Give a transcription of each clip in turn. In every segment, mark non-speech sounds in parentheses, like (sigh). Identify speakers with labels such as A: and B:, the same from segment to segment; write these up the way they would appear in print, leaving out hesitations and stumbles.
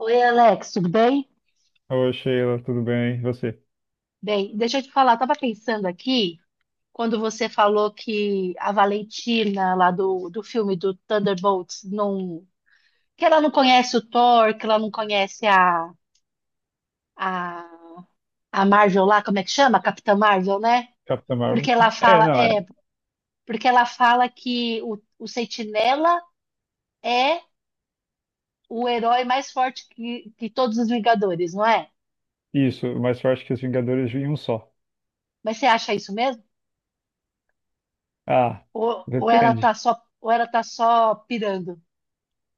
A: Oi, Alex, tudo bem?
B: Oi, Sheila, tudo bem? E você?
A: Bem, deixa eu te falar, eu tava pensando aqui, quando você falou que a Valentina, lá do filme do Thunderbolts, não, que ela não conhece o Thor, que ela não conhece a, a Marvel lá, como é que chama? Capitã Marvel, né?
B: Capitã
A: Porque
B: Marvel?
A: ela
B: É,
A: fala,
B: não, é
A: porque ela fala que o Sentinela é o herói mais forte que todos os Vingadores, não é?
B: isso, mas eu acho que os Vingadores vêm em um só.
A: Mas você acha isso mesmo?
B: Ah,
A: Ou
B: depende.
A: ela tá só pirando.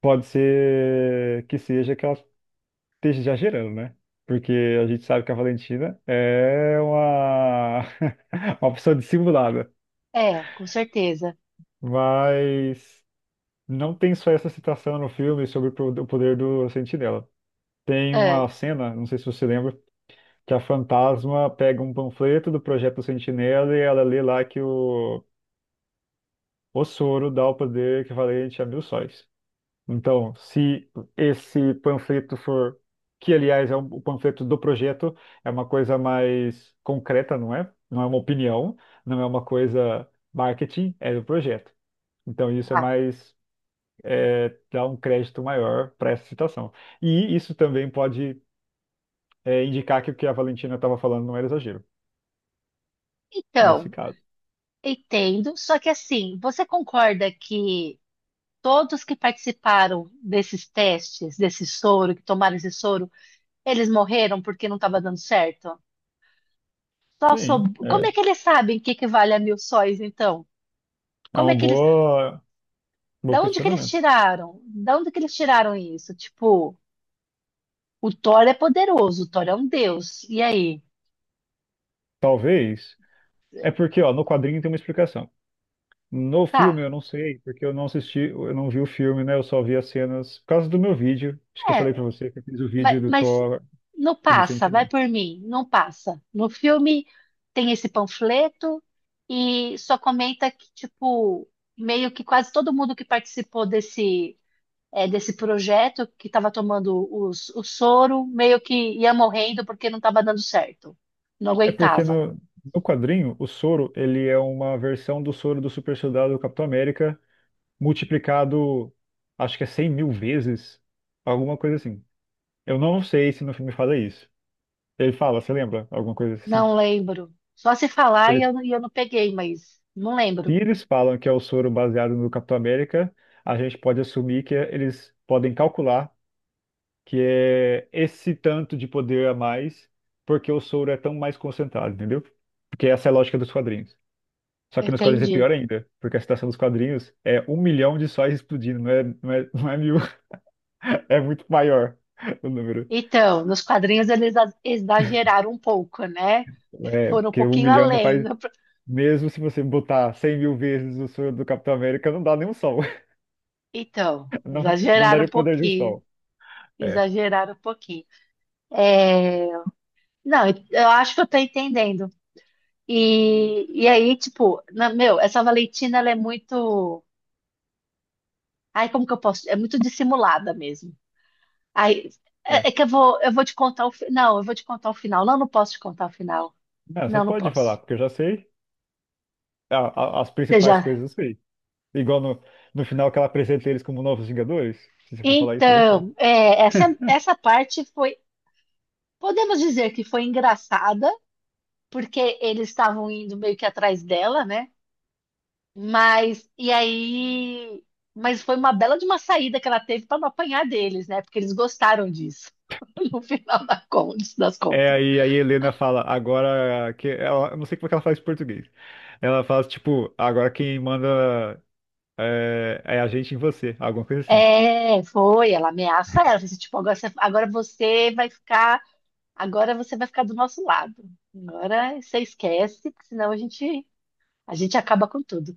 B: Pode ser que seja que ela esteja exagerando, né? Porque a gente sabe que a Valentina é uma, (laughs) uma pessoa dissimulada.
A: É, com certeza.
B: Mas não tem só essa citação no filme sobre o poder do Sentinela. Tem
A: É.
B: uma cena, não sei se você lembra, que a fantasma pega um panfleto do Projeto Sentinela e ela lê lá que o soro dá o poder equivalente a 1.000 sóis. Então, se esse panfleto for, que aliás é o panfleto do projeto, é uma coisa mais concreta, não é? Não é uma opinião, não é uma coisa marketing, é do projeto. Então, isso é
A: Ah,
B: mais, é, dá um crédito maior para essa citação. E isso também pode, é, indicar que o que a Valentina estava falando não era exagero, nesse
A: então,
B: caso.
A: entendo. Só que assim, você concorda que todos que participaram desses testes, desse soro, que tomaram esse soro, eles morreram porque não estava dando certo?
B: Sim,
A: Como
B: é,
A: é que eles sabem que equivale a mil sóis, então?
B: é
A: Como é que eles.
B: bom
A: Da onde que eles
B: questionamento.
A: tiraram? Da onde que eles tiraram isso? Tipo, o Thor é poderoso, o Thor é um deus. E aí?
B: Talvez. É porque, ó, no quadrinho tem uma explicação. No filme eu
A: Tá.
B: não sei, porque eu não assisti, eu não vi o filme, né? Eu só vi as cenas por causa do meu vídeo. Acho que eu falei pra
A: É,
B: você que eu fiz o vídeo
A: Mas,
B: do
A: mas
B: Thor
A: não
B: e do
A: passa, vai
B: Sentinela.
A: por mim, não passa. No filme tem esse panfleto e só comenta que, tipo, meio que quase todo mundo que participou desse projeto, que estava tomando o soro, meio que ia morrendo porque não estava dando certo. Não
B: É porque
A: aguentava.
B: no quadrinho, o soro, ele é uma versão do soro do super soldado do Capitão América multiplicado, acho que é 100.000 vezes, alguma coisa assim. Eu não sei se no filme fala isso. Ele fala, você lembra? Alguma coisa assim.
A: Não lembro. Só se falar e
B: Ele
A: eu, e eu não peguei, mas não
B: Se
A: lembro.
B: eles falam que é o soro baseado no Capitão América, a gente pode assumir que eles podem calcular que é esse tanto de poder a mais, porque o soro é tão mais concentrado, entendeu? Porque essa é a lógica dos quadrinhos. Só que nos quadrinhos é
A: Entendi.
B: pior ainda, porque a situação dos quadrinhos é 1 milhão de sóis explodindo, não é 1.000, (laughs) é muito maior o número.
A: Então, nos quadrinhos eles exageraram um pouco, né?
B: É,
A: Foram um
B: porque um
A: pouquinho
B: milhão não
A: além,
B: faz.
A: né?
B: Mesmo se você botar 100.000 vezes o soro do Capitão América, não dá nem um sol. (laughs)
A: Então,
B: Não, não
A: exageraram um
B: daria o poder de um
A: pouquinho,
B: sol. É,
A: exageraram um pouquinho. É, não, eu acho que eu tô entendendo. E aí, tipo, meu, essa Valentina, ela é muito. Ai, como que eu posso? É muito dissimulada mesmo. Ai,
B: é.
A: é, eu vou te contar o final. Não, eu vou te contar o final. Não, não posso te contar o final.
B: Ah, você
A: Não, não
B: pode falar,
A: posso.
B: porque eu já sei a- as
A: Você
B: principais coisas,
A: já.
B: eu sei. Igual no final que ela apresenta eles como novos Vingadores. Se você for falar isso, eu já sei.
A: Então, é, essa parte foi. Podemos dizer que foi engraçada, porque eles estavam indo meio que atrás dela, né? Mas, e aí. Mas foi uma bela de uma saída que ela teve para não apanhar deles, né? Porque eles gostaram disso, (laughs) no final das
B: É,
A: contas.
B: aí a Helena fala, agora que ela, eu não sei como é que ela faz em português. Ela fala, tipo, agora quem manda é a gente em você, alguma coisa assim.
A: É, foi, ela ameaça ela, fala assim, tipo, agora você vai ficar do nosso lado. Agora você esquece, porque senão a gente acaba com tudo.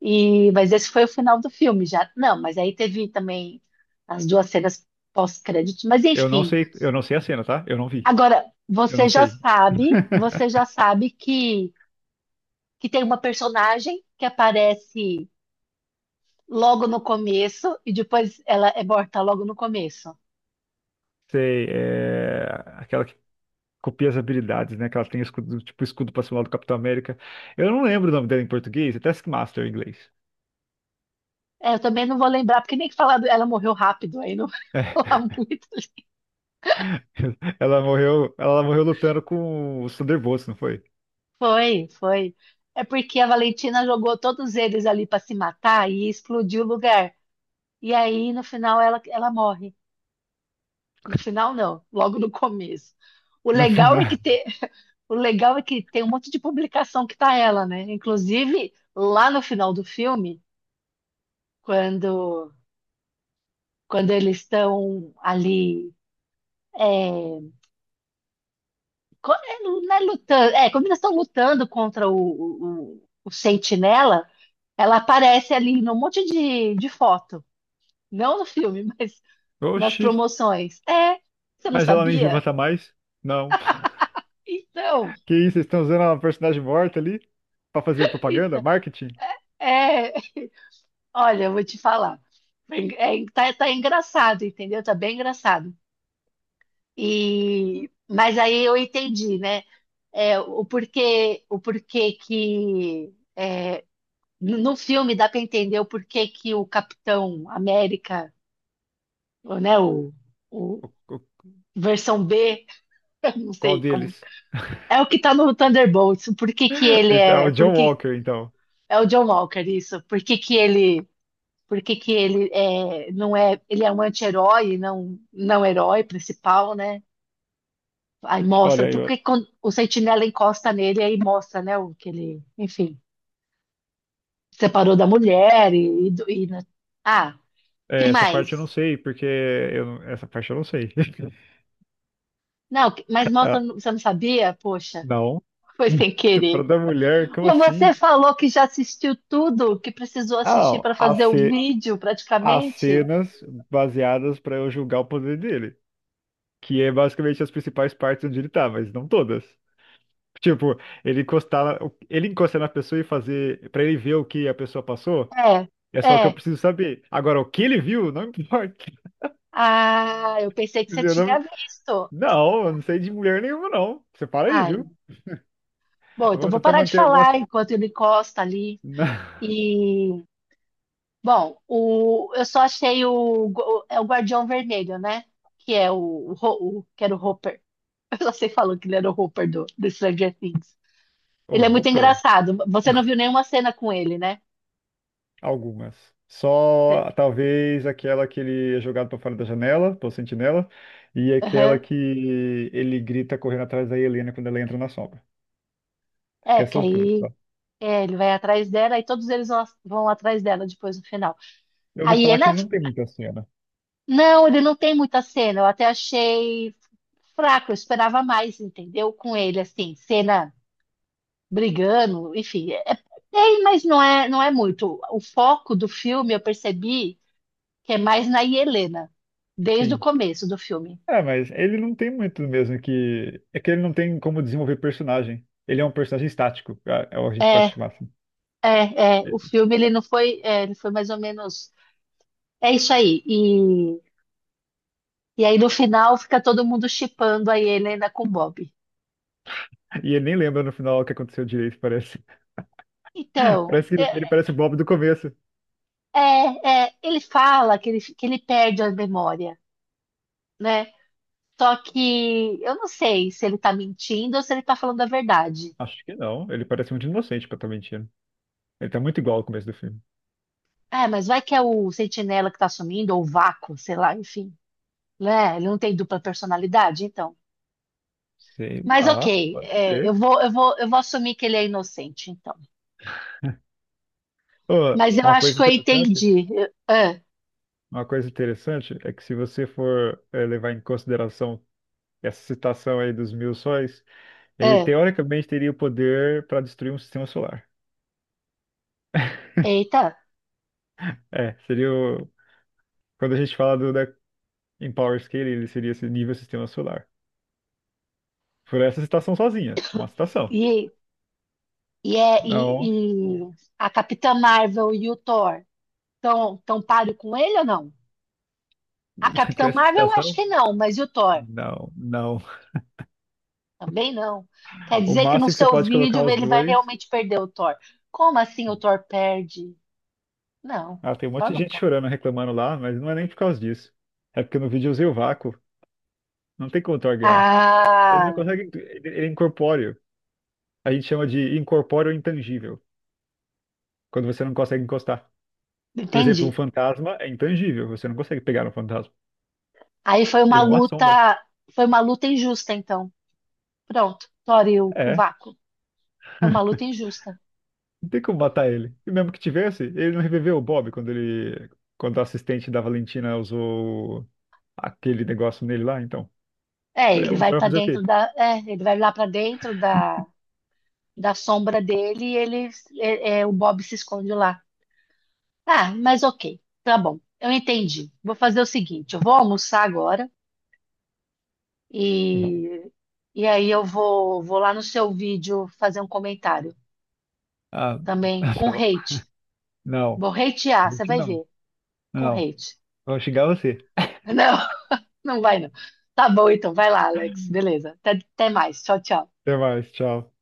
A: Mas esse foi o final do filme já. Não, mas aí teve também as duas cenas pós-créditos, mas
B: Eu não
A: enfim.
B: sei, eu não sei a cena, tá? Eu não vi.
A: Agora,
B: Eu não
A: você já
B: sei.
A: sabe, você
B: (laughs)
A: já sabe que tem uma personagem que aparece logo no começo e depois ela é morta logo no começo.
B: Sei, é aquela que copia as habilidades, né? Que ela tem o escudo, tipo escudo pra cima do Capitão América. Eu não lembro o nome dela em português, é Taskmaster em inglês.
A: É, eu também não vou lembrar, porque nem que falar, ela morreu rápido, aí não (laughs) vou falar
B: (laughs)
A: muito.
B: Ela morreu lutando com os Thunderbolts, não foi?
A: Foi, foi. É porque a Valentina jogou todos eles ali para se matar e explodiu o lugar. E aí, no final, ela morre. No final, não, logo no começo. O
B: No
A: legal é que
B: final.
A: te- O legal é que tem um monte de publicação que tá ela, né? Inclusive, lá no final do filme, quando, quando eles estão ali. É, não é lutando, quando eles estão lutando contra o Sentinela, ela aparece ali num monte de foto. Não no filme, (laughs) mas nas
B: Oxi,
A: promoções. É, você não
B: mas ela nem viva
A: sabia?
B: tá mais? Não. (laughs)
A: Então,
B: Que isso, vocês estão usando uma personagem morta ali pra fazer propaganda,
A: então,
B: marketing?
A: é, olha, eu vou te falar. Tá engraçado, entendeu? Tá bem engraçado. Mas aí eu entendi, né? É, o porquê no filme dá para entender o porquê que o Capitão América, ou, né? O
B: O- o-
A: versão B, (laughs) eu não
B: Qual
A: sei como
B: deles?
A: é o que tá no Thunderbolts. Por que que
B: (laughs)
A: ele
B: Então, é o
A: é? Por
B: John
A: que
B: Walker, então.
A: é o John Walker isso? Por que que ele? Por que que ele é, não é? Ele é um anti-herói, e não herói principal, né? Aí mostra,
B: Olha,
A: porque quando o sentinela encosta nele, aí mostra, né, o que ele, enfim, separou da mulher e, ah, que
B: é, essa parte eu não
A: mais?
B: sei, porque eu não- essa parte eu não sei. (laughs)
A: Não, mas mostra,
B: Ah,
A: você não sabia? Poxa,
B: não.
A: (laughs) foi sem
B: Estupro
A: querer.
B: da mulher, como
A: Mas
B: assim?
A: você falou que já assistiu tudo, que precisou
B: Ah,
A: assistir
B: não.
A: para fazer o vídeo,
B: As
A: praticamente?
B: cenas baseadas pra eu julgar o poder dele. Que é basicamente as principais partes onde ele tá, mas não todas. Tipo, ele encostar, ele encostar na pessoa e fazer, pra ele ver o que a pessoa passou,
A: É,
B: é só o que eu
A: é.
B: preciso saber. Agora, o que ele viu, não importa.
A: Ah, eu pensei
B: (laughs)
A: que você
B: Entendeu?
A: tinha
B: Não,
A: visto.
B: não, eu não sei de mulher nenhuma, não. Você para aí,
A: Ah,
B: viu?
A: bom, então
B: Vamos
A: vou
B: tentar
A: parar de
B: manter
A: falar
B: algumas.
A: enquanto ele encosta ali. e Bom, eu só achei é o Guardião Vermelho, né? Que é que era o Hopper. (laughs) Eu só sei falou que ele era o Hopper do Stranger Things.
B: (laughs) O
A: Ele é muito
B: Hopper?
A: engraçado. Você não viu nenhuma cena com ele, né?
B: Algumas. Só talvez aquela que ele é jogado pra fora da janela, pelo sentinela, e aquela
A: Aham.
B: que ele grita correndo atrás da Helena quando ela entra na sombra. Acho
A: É,
B: que é
A: porque
B: essas duas.
A: aí ele vai atrás dela e todos eles vão atrás dela depois no final.
B: Eu ouvi
A: Aí
B: falar
A: ele.
B: que
A: é-
B: ele não tem muita cena.
A: Não, ele não tem muita cena. Eu até achei fraco, eu esperava mais, entendeu? Com ele, assim, cena, brigando, enfim, tem, mas não é muito. O foco do filme eu percebi que é mais na Helena, desde o
B: Sim.
A: começo do filme.
B: É, mas ele não tem muito mesmo que. É que ele não tem como desenvolver personagem. Ele é um personagem estático, a gente
A: É,
B: pode chamar assim.
A: o filme ele não foi, ele foi mais ou menos, é isso aí. E aí no final fica todo mundo chipando a Helena com o Bob.
B: E ele nem lembra no final o que aconteceu direito, parece. (laughs)
A: Então,
B: Parece que ele parece o Bob do começo.
A: ele fala que ele, perde a memória, né? Só que eu não sei se ele tá mentindo ou se ele tá falando a verdade.
B: Acho que não. Ele parece muito inocente pra estar mentindo. Ele tá muito igual ao começo do filme.
A: Mas vai que é o sentinela que tá sumindo, ou o vácuo, sei lá, enfim. Né? Ele não tem dupla personalidade, então.
B: Sei
A: Mas
B: lá,
A: ok,
B: pode
A: é, eu
B: ser.
A: vou, eu vou, eu vou assumir que ele é inocente, então.
B: Ô,
A: Mas eu
B: uma
A: acho
B: coisa
A: que eu
B: interessante,
A: entendi.
B: é que se você for levar em consideração essa citação aí dos 1.000 sóis, ele
A: Ah,
B: teoricamente teria o poder para destruir um sistema solar.
A: eita,
B: É, seria o... Quando a gente fala do da em Power Scale, ele seria esse nível sistema solar. Por essa citação sozinha, uma citação.
A: e,
B: Não,
A: e a Capitã Marvel e o Thor estão tão páreo com ele ou não? A
B: (laughs) com
A: Capitã
B: essa
A: Marvel eu acho
B: citação,
A: que não, mas e o Thor?
B: não, não.
A: Também não. Quer
B: O
A: dizer que no
B: máximo que você
A: seu
B: pode colocar
A: vídeo
B: os
A: ele vai
B: dois.
A: realmente perder o Thor. Como assim o Thor perde? Não,
B: Ah, tem um monte de
A: torna um
B: gente
A: pau.
B: chorando, reclamando lá, mas não é nem por causa disso. É porque no vídeo eu usei o vácuo. Não tem como Thor ganhar. Ele não
A: Ah,
B: consegue. Ele é incorpóreo. A gente chama de incorpóreo intangível, quando você não consegue encostar. Por exemplo, um
A: entendi.
B: fantasma é intangível, você não consegue pegar um fantasma.
A: Aí
B: Ele é uma sombra.
A: foi uma luta injusta, então. Pronto, Tori, o
B: É,
A: vácuo. Foi uma luta injusta.
B: não tem como matar ele. E mesmo que tivesse, ele não reviveu o Bob quando o assistente da Valentina usou aquele negócio nele lá, então. É, você vai fazer o quê?
A: Ele vai lá para dentro da sombra dele o Bob se esconde lá. Ah, mas ok, tá bom. Eu entendi. Vou fazer o seguinte, eu vou almoçar agora
B: Não.
A: e e aí vou lá no seu vídeo fazer um comentário
B: Ah,
A: também
B: (laughs)
A: com
B: tá bom.
A: hate.
B: Não,
A: Vou hatear, você
B: gente,
A: vai
B: não.
A: ver. Com
B: Não.
A: hate.
B: Vou xingar você.
A: (laughs) Não, não vai não. Tá bom, então. Vai lá, Alex. Beleza. Até mais. Tchau, tchau.
B: Até mais, tchau.